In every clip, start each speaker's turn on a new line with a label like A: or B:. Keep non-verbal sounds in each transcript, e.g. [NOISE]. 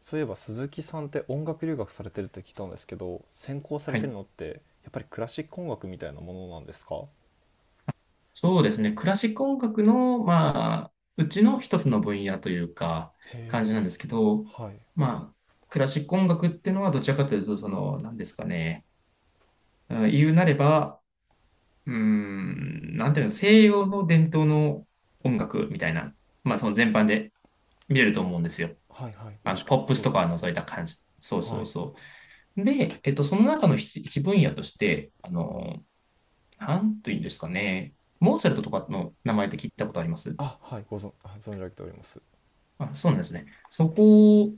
A: そういえば鈴木さんって音楽留学されてるって聞いたんですけど、専攻され
B: は
A: てる
B: い。
A: のってやっぱりクラシック音楽みたいなものなんですか？
B: そうですね。クラシック音楽の、まあ、うちの一つの分野というか、
A: へ
B: 感じなん
A: え。
B: ですけど、
A: はい。
B: まあ、クラシック音楽っていうのはどちらかというと、その、何ですかね。うん、言うなれば、うーん、なんていうの、西洋の伝統の音楽みたいな、まあ、その全般で見れると思うんですよ。
A: はいはい、
B: あ
A: 確
B: の、
A: か
B: ポ
A: に
B: ップス
A: そうで
B: と
A: す
B: か
A: ね。
B: のそういった感じ。そうそ
A: は
B: う
A: い。
B: そう。で、その中の一分野として、あの、なんというんですかね。モーツァルトとかの名前って聞いたことあります？
A: あ、はい、ご存、あ存じ上げております。
B: あ、そうなんですね。そこ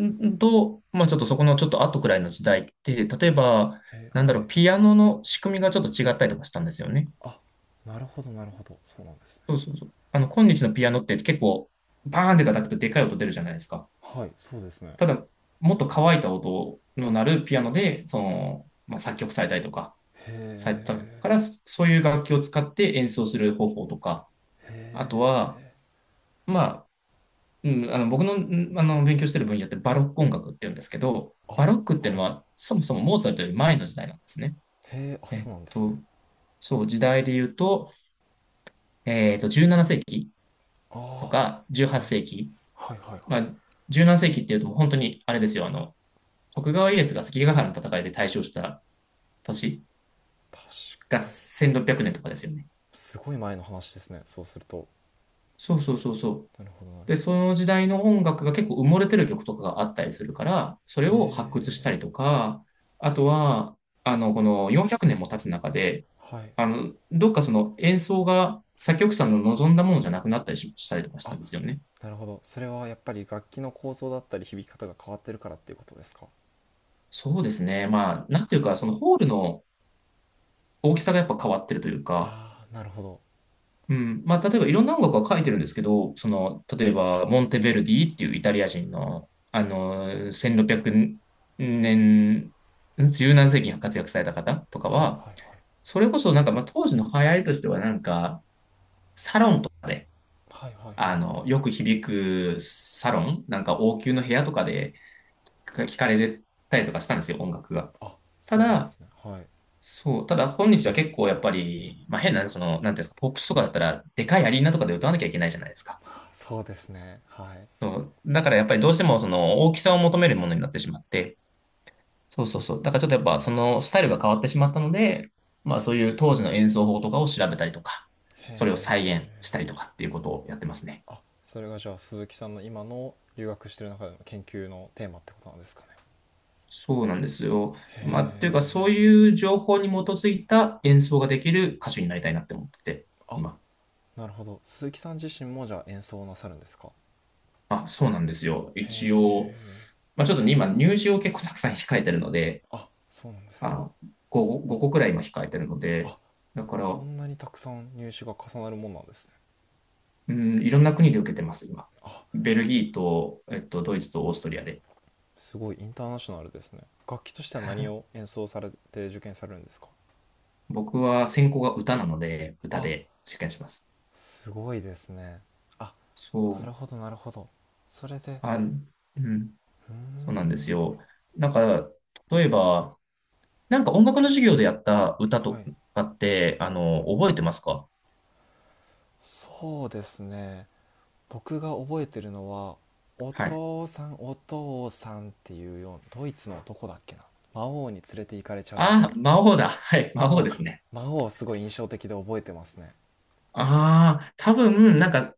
B: んと、まあちょっとそこのちょっと後くらいの時代って、例えば、
A: へえ、
B: なんだ
A: は
B: ろう、
A: い。
B: ピアノの仕組みがちょっと違ったりとかしたんですよね。
A: あ、なるほどなるほど、そうなんですね。
B: そうそうそう。あの、今日のピアノって結構、バーンって叩くとでかい音出るじゃないですか。
A: はい、そうですね。
B: ただ、もっと乾いた音の鳴るピアノで、その、まあ、作曲されたりとか、
A: へ
B: された
A: え。
B: から、そういう楽器を使って演奏する方法とか、
A: へ
B: あとは、
A: え。
B: まあ、うん、あの僕の、勉強してる分野ってバロック音楽って言うんですけど、
A: あ、
B: バロックっていう
A: は
B: の
A: い。
B: はそもそもモーツァルトより前の時代なんですね。
A: へえ、あ、
B: え
A: そ
B: っ
A: うなんですね。
B: と、そう、時代で言うと、17世紀と
A: ああ、
B: か
A: だい、
B: 18世紀。
A: はいはいはい。
B: まあ、17世紀っていうと本当にあれですよ、あの、徳川家康が関ヶ原の戦いで大勝した年
A: 確
B: が
A: かに。
B: 1600年とかですよね。
A: すごい前の話ですね、そうすると。
B: そうそうそうそう。
A: なるほどなるほ
B: で、そ
A: ど。
B: の時代の音楽が結構埋もれてる曲とかがあったりするから、そ
A: へ
B: れを発掘した
A: え。
B: りとか、あとは、あの、この400年も経つ中で、
A: はい。
B: あの、どっかその演奏が作曲者の望んだものじゃなくなったりしたりとかした
A: あ、
B: んですよね。
A: なるほど、それはやっぱり楽器の構造だったり響き方が変わってるからっていうことですか？
B: そうですね。まあ、なんていうか、そのホールの大きさがやっぱ変わってるというか、
A: ああ、なるほど。
B: うん。まあ、例えばいろんな音楽は書いてるんですけど、その、例えば、モンテヴェルディっていうイタリア人の、あの、1600年、十何世紀に活躍された方とか
A: はい
B: は、
A: はいは
B: それこそなんか、まあ、当時の流行りとしてはなんか、サロンとかで、
A: い。はいはいは
B: あ
A: い。
B: の、よく響くサロン、なんか王宮の部屋とかで聞かれたりとかしたんですよ、音楽が。
A: あ、
B: た
A: そうなんで
B: だ、
A: すね、はい。
B: そう、ただ本日は結構やっぱり、まあ変な、その、なんていうんですか、ポップスとかだったら、でかいアリーナとかで歌わなきゃいけないじゃないですか。
A: あ、そうですね、はい。へ
B: そう。だからやっぱりどうしてもその大きさを求めるものになってしまって、そうそうそう。だからちょっとやっぱそのスタイルが変わってしまったので、まあそういう当時の演奏法とかを調べたりとか、それを再現
A: え。
B: したりとかっていうことをやってますね。
A: あ、それがじゃあ鈴木さんの今の留学してる中での研究のテーマってことなんですかね？
B: そうなんですよ。
A: へ
B: まあ、というかそう
A: え。
B: いう情報に基づいた演奏ができる歌手になりたいなって思ってて、
A: あ、
B: 今。
A: なるほど、鈴木さん自身もじゃあ演奏をなさるんですか？
B: あ、そうなんですよ。
A: へ
B: 一応、
A: え。
B: まあちょっとね、今入試を結構たくさん控えてるので、
A: あ、そうなんです
B: あ
A: か？
B: の、5個くらい今控えてるの
A: あ、
B: で、だから、
A: そんなにたくさん入手が重なるもんなんですね。
B: うん、いろんな国で受けてます、今。
A: あ、
B: ベルギーと、ドイツとオーストリアで。
A: すごいインターナショナルですね。楽器としては何を
B: [LAUGHS]
A: 演奏されて受験されるんですか？
B: 僕は専攻が歌なので、歌
A: あ、
B: で受験します。
A: すごいですね。あ、
B: そ
A: なる
B: う。
A: ほどなるほど。それで。
B: あ、うん。
A: うー
B: そうなんです
A: ん。
B: よ。なんか、例えば、なんか音楽の授業でやった歌
A: は
B: と
A: い。
B: かって、あの、覚えてますか？
A: そうですね。僕が覚えてるのは「お
B: はい。
A: 父さんお父さん」っていうようなドイツの男だっけな。魔王に連れて行かれちゃうみたい
B: あ、
A: な。
B: 魔王だ。はい。
A: 魔
B: 魔王
A: 王
B: で
A: か。
B: すね。
A: 魔王、すごい印象的で覚えてますね。
B: ああ、多分、なんか、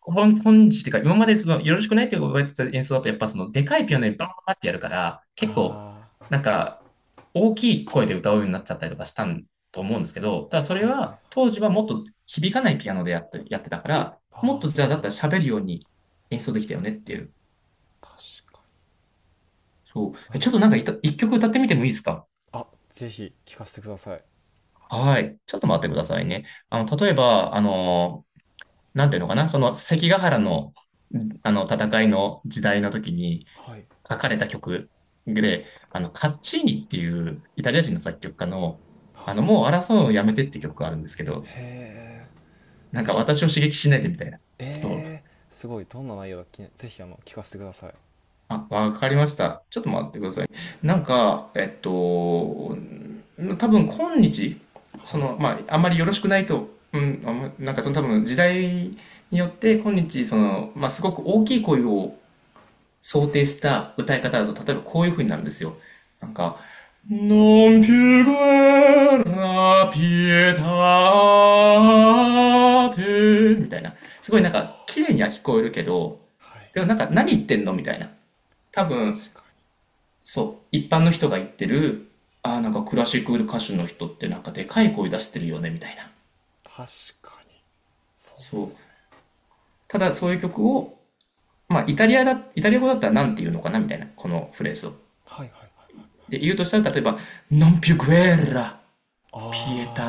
B: 本日っていうか、今までその、よろしくないってわれてた演奏だと、やっぱその、でかいピアノでバーってやるから、結構、
A: あ
B: な
A: あ。
B: んか、大きい声で歌うようになっちゃったりとかしたんと思うんですけど、ただそれ
A: はいはいはい。
B: は、当時はもっと響かないピアノでやってたから、もっ
A: ああ、
B: とじゃ
A: そ
B: あ、
A: う
B: だ
A: な
B: っ
A: ん
B: たら
A: ですね。
B: 喋るように演奏できたよねっていう。
A: 確か
B: そ
A: に、
B: う。
A: なる
B: ちょっと
A: ほ
B: なん
A: ど。
B: か一曲歌ってみてもいいですか？
A: あ、ぜひ聞かせてください。
B: はい。ちょっと待ってくださいね。あの、例えば、あのなんていうのかな、その関ヶ原の、あの戦いの時代の時に
A: はい
B: 書かれた曲で、あの、カッチーニっていうイタリア人の作曲家の、あ
A: はい。
B: の、もう争うのをやめてって曲があるんですけど、
A: へえ。
B: なん
A: ぜ
B: か
A: ひ
B: 私
A: 聞
B: を
A: か
B: 刺
A: せ
B: 激しないでみたいな。そう。
A: ええー、すごいどんな内容だっけ、ぜひ聞かせてください。
B: あ、わかりました。ちょっと待ってください。なんか、多分今日、
A: は
B: そ
A: い。
B: の、まあ、あんまりよろしくないと、うん、あんまなんかその多分時代によって今日、その、まあ、すごく大きい声を想定した歌い方だと、例えばこういう風になるんですよ。なんか、Non più guerra pietate みたいな。すごい
A: あ
B: なんか、綺
A: あ。
B: 麗には聞こえるけど、
A: はい。
B: でもなんか、何言ってんのみたいな。多分、
A: 確かに、
B: そう、一般の人が言ってる、ああ、なんかクラシック歌手の人ってなんかでかい声出してるよね、みたいな。
A: 確かにそうで
B: そ
A: す
B: う。
A: ね。
B: ただそういう曲を、まあ、イタリア語だったら何て言うのかなみたいな、このフレーズを。
A: はいはいはい。
B: で、言うとしたら、例えば、Non più guerra,
A: あ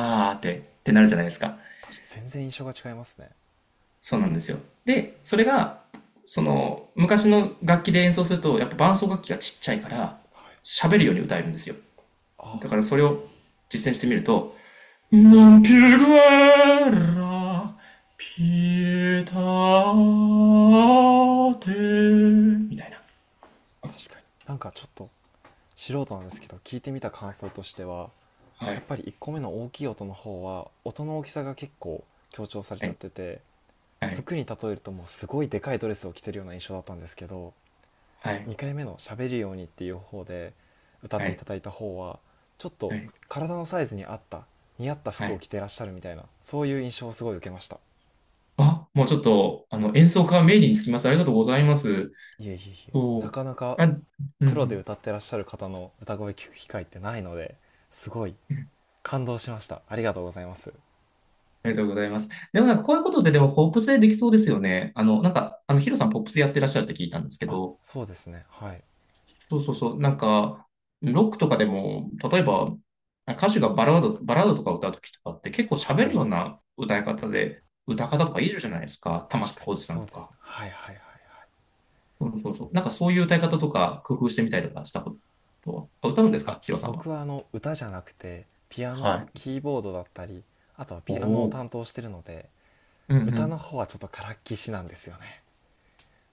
A: ー、
B: ってなるじゃないですか。
A: 全然印象が違いますね。
B: そうなんですよ。で、それが、その、昔の楽器で演奏すると、やっぱ伴奏楽器がちっちゃいから、
A: はい。
B: 喋るように歌えるんですよ。
A: ああ。
B: だからそれを実践してみると、Non più guerra, pietate みたいな。
A: 確かに、なんかちょっと素人なんですけど、聞いてみた感想としては、
B: は
A: やっ
B: い、
A: ぱり1個目の大きい音の方は音の大きさが結構強調され
B: は
A: ちゃっ
B: い、
A: てて、
B: はい、
A: 服に例えるともうすごいでかいドレスを着てるような印象だったんですけど、
B: はい、
A: 2回目の「喋るように」っていう方で歌っ
B: は
A: ていた
B: い、
A: だいた方は、ちょっと
B: はい。
A: 体のサイズに合った、似合った
B: は
A: 服を
B: い。
A: 着てらっしゃるみたいな、そういう印象をすごい受けました。
B: あ、もうちょっと、あの、演奏家名義につきます。ありがとうございます。
A: いえいえいえ。な
B: そう。
A: かなか
B: あ、うんう
A: プロで
B: ん。
A: 歌ってらっしゃる方の歌声聞く機会ってないので、すごい感動しました。ありがとうございます。
B: ありがとうございます。でもなんかこういうことってでもポップスでできそうですよね。あの、なんか、あの、ヒロさんポップスやってらっしゃるって聞いたんですけ
A: あ、
B: ど、
A: そうですね、はい。
B: そうそうそう、なんか、ロックとかでも、例えば、歌手がバラードとか歌うときとかって結構喋
A: は
B: る
A: い、
B: ような歌い方で、歌方とかいるじゃないですか。玉
A: 確
B: 置
A: かに
B: 浩二さん
A: そう
B: と
A: です
B: か。
A: ね。はいはいはいはい。
B: そうそうそう。なんかそういう歌い方とか工夫してみたりとかしたことは、あ、歌うんです
A: あ、
B: かヒロさんは？
A: 僕は歌じゃなくてピアノ、
B: はい。
A: キーボードだったり、あとは
B: お
A: ピアノを
B: お。
A: 担当してるので、
B: うん
A: 歌の
B: う
A: 方はちょっとからっきしなんですよね。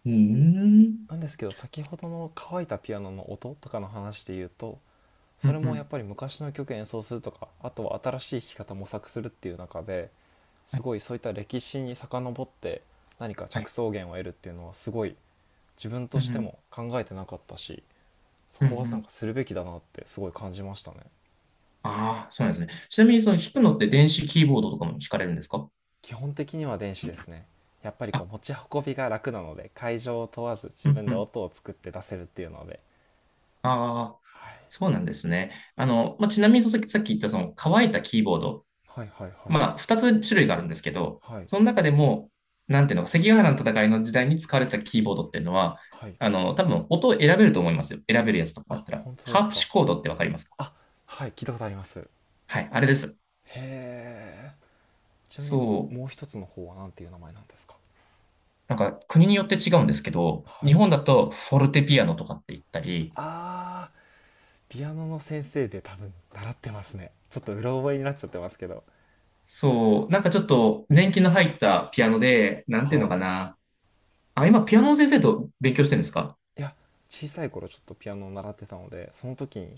B: ん。ーうーん。
A: なんですけど、先ほどの乾いたピアノの音とかの話で言うと、
B: う
A: それ
B: んう
A: もやっ
B: ん。
A: ぱり昔の曲演奏するとか、あとは新しい弾き方模索するっていう中で、
B: は
A: す
B: い。
A: ごいそういった歴史に遡って何か
B: は
A: 着
B: い。
A: 想源を得るっていうのは、すごい自分と
B: うんう
A: して
B: ん。
A: も考えてなかったし、そ
B: うんう
A: こはなん
B: ん。
A: かするべきだなってすごい感じましたね。
B: ああ、そうなんですね。ちなみに、その弾くのって電子キーボードとかも弾かれるんですか？
A: 基本的には電子ですね。やっぱりこ
B: あ、
A: う持ち運びが楽なので、会場を問わず
B: う
A: 自
B: ん
A: 分
B: う
A: で
B: ん。
A: 音を作って出せるっていうので。
B: ああ、
A: はい、
B: そうなんですね。あの、まあ、ちなみに、さっき言ったその乾いたキーボード。
A: はいはいはい
B: まあ、二つ種類があるんですけど、
A: はい
B: その中でも、なんていうのか、関ヶ原の戦いの時代に使われてたキーボードっていうのは、
A: はい。
B: あの、多分音を選べると思いますよ。選べるやつとかだっ
A: あ、
B: たら。
A: 本当で
B: ハー
A: す
B: プ
A: か。
B: シコードってわかりますか？
A: あ、はい、聞いたことあります。へ
B: はい、あれです。
A: え。ちなみに
B: そう。
A: もう一つの方はなんていう名前なんですか？
B: なんか国によって違うんですけど、
A: は
B: 日
A: い。
B: 本だとフォルテピアノとかって言ったり、
A: あー、ピアノの先生で多分習ってますね。ちょっとうろ覚えになっちゃってますけど。
B: そう、なんかちょっと年季の入ったピアノで、なんていう
A: は
B: のか
A: い。
B: な。あ、今ピアノの先生と勉強してるんですか？
A: いや、小さい頃ちょっとピアノを習ってたので、その時に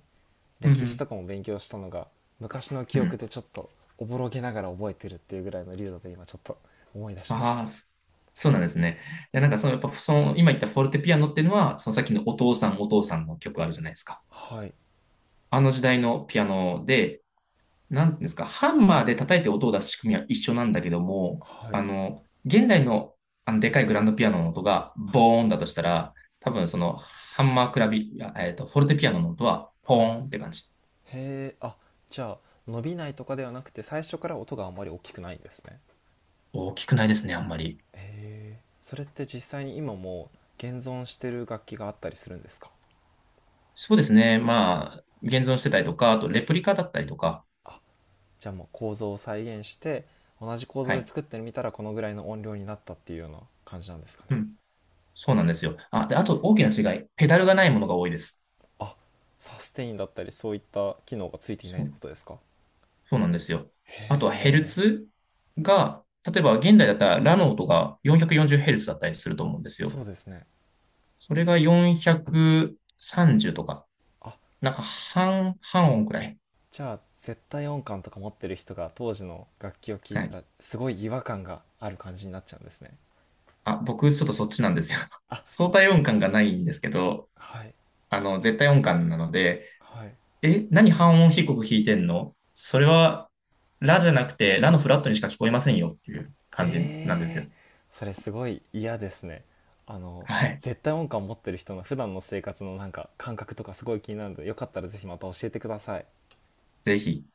B: うんう
A: 歴史
B: ん。
A: とかも勉強したのが昔の
B: う
A: 記憶
B: ん。
A: でちょっとおぼろげながら覚えてるっていうぐらいの流度で、今ちょっと思い出しました。
B: ああ、そうなんですね。いや、なんかその、やっぱその、今言ったフォルテピアノっていうのは、そのさっきのお父さんお父さんの曲あるじゃないですか。
A: はい
B: あの時代のピアノで、なんていうんですか、ハンマーで叩いて音を出す仕組みは一緒なんだけども、
A: はい
B: あの、現代の、あのでかいグランドピアノの音が
A: はい
B: ボーンだとしたら、多分そのハンマークラビ、あ、フォルテピアノの音はポ
A: はい。へ
B: ーンって感じ。
A: え。あ、じゃあ伸びないとかではなくて、最初から音があんまり大きくないんですね。
B: 大きくないですね、あんまり。
A: へえ、それって実際に今も現存してる楽器があったりするんですか？
B: そうですね。まあ、現存してたりとか、あとレプリカだったりとか。
A: あ、じゃあもう構造を再現して同じ構造
B: は
A: で
B: い。
A: 作ってみたらこのぐらいの音量になったっていうような感じなんですか
B: う
A: ね？
B: ん。そうなんですよ。あ、で、あと大きな違い。ペダルがないものが多いです。
A: あ、サステインだったりそういった機能がついていない
B: そ
A: って
B: う
A: ことですか？
B: そうなんですよ。
A: へ
B: あとはヘル
A: え。
B: ツが、例えば現代だったらラノートが4 4 0ルツだったりすると思うんですよ。
A: そうですね。
B: それが430とか、
A: あ、
B: なんか半音くらい。
A: じゃあ絶対音感とか持ってる人が当時の楽器を聴い
B: は
A: た
B: い。
A: らすごい違和感がある感じになっちゃうんですね。
B: あ、僕ちょっとそっちなんですよ。[LAUGHS]
A: あ、
B: 相対音感がないんですけど、
A: はい。
B: あの、絶対音感なので、
A: はい。
B: え、何半音低く弾いてんのそれは、ラじゃなくて、ラのフラットにしか聞こえませんよっていう感じなんです
A: え
B: よ。
A: ー、それすごい嫌ですね。あの、
B: はい。
A: 絶対音感持ってる人の普段の生活のなんか感覚とかすごい気になるので、よかったらぜひまた教えてください。
B: ぜひ。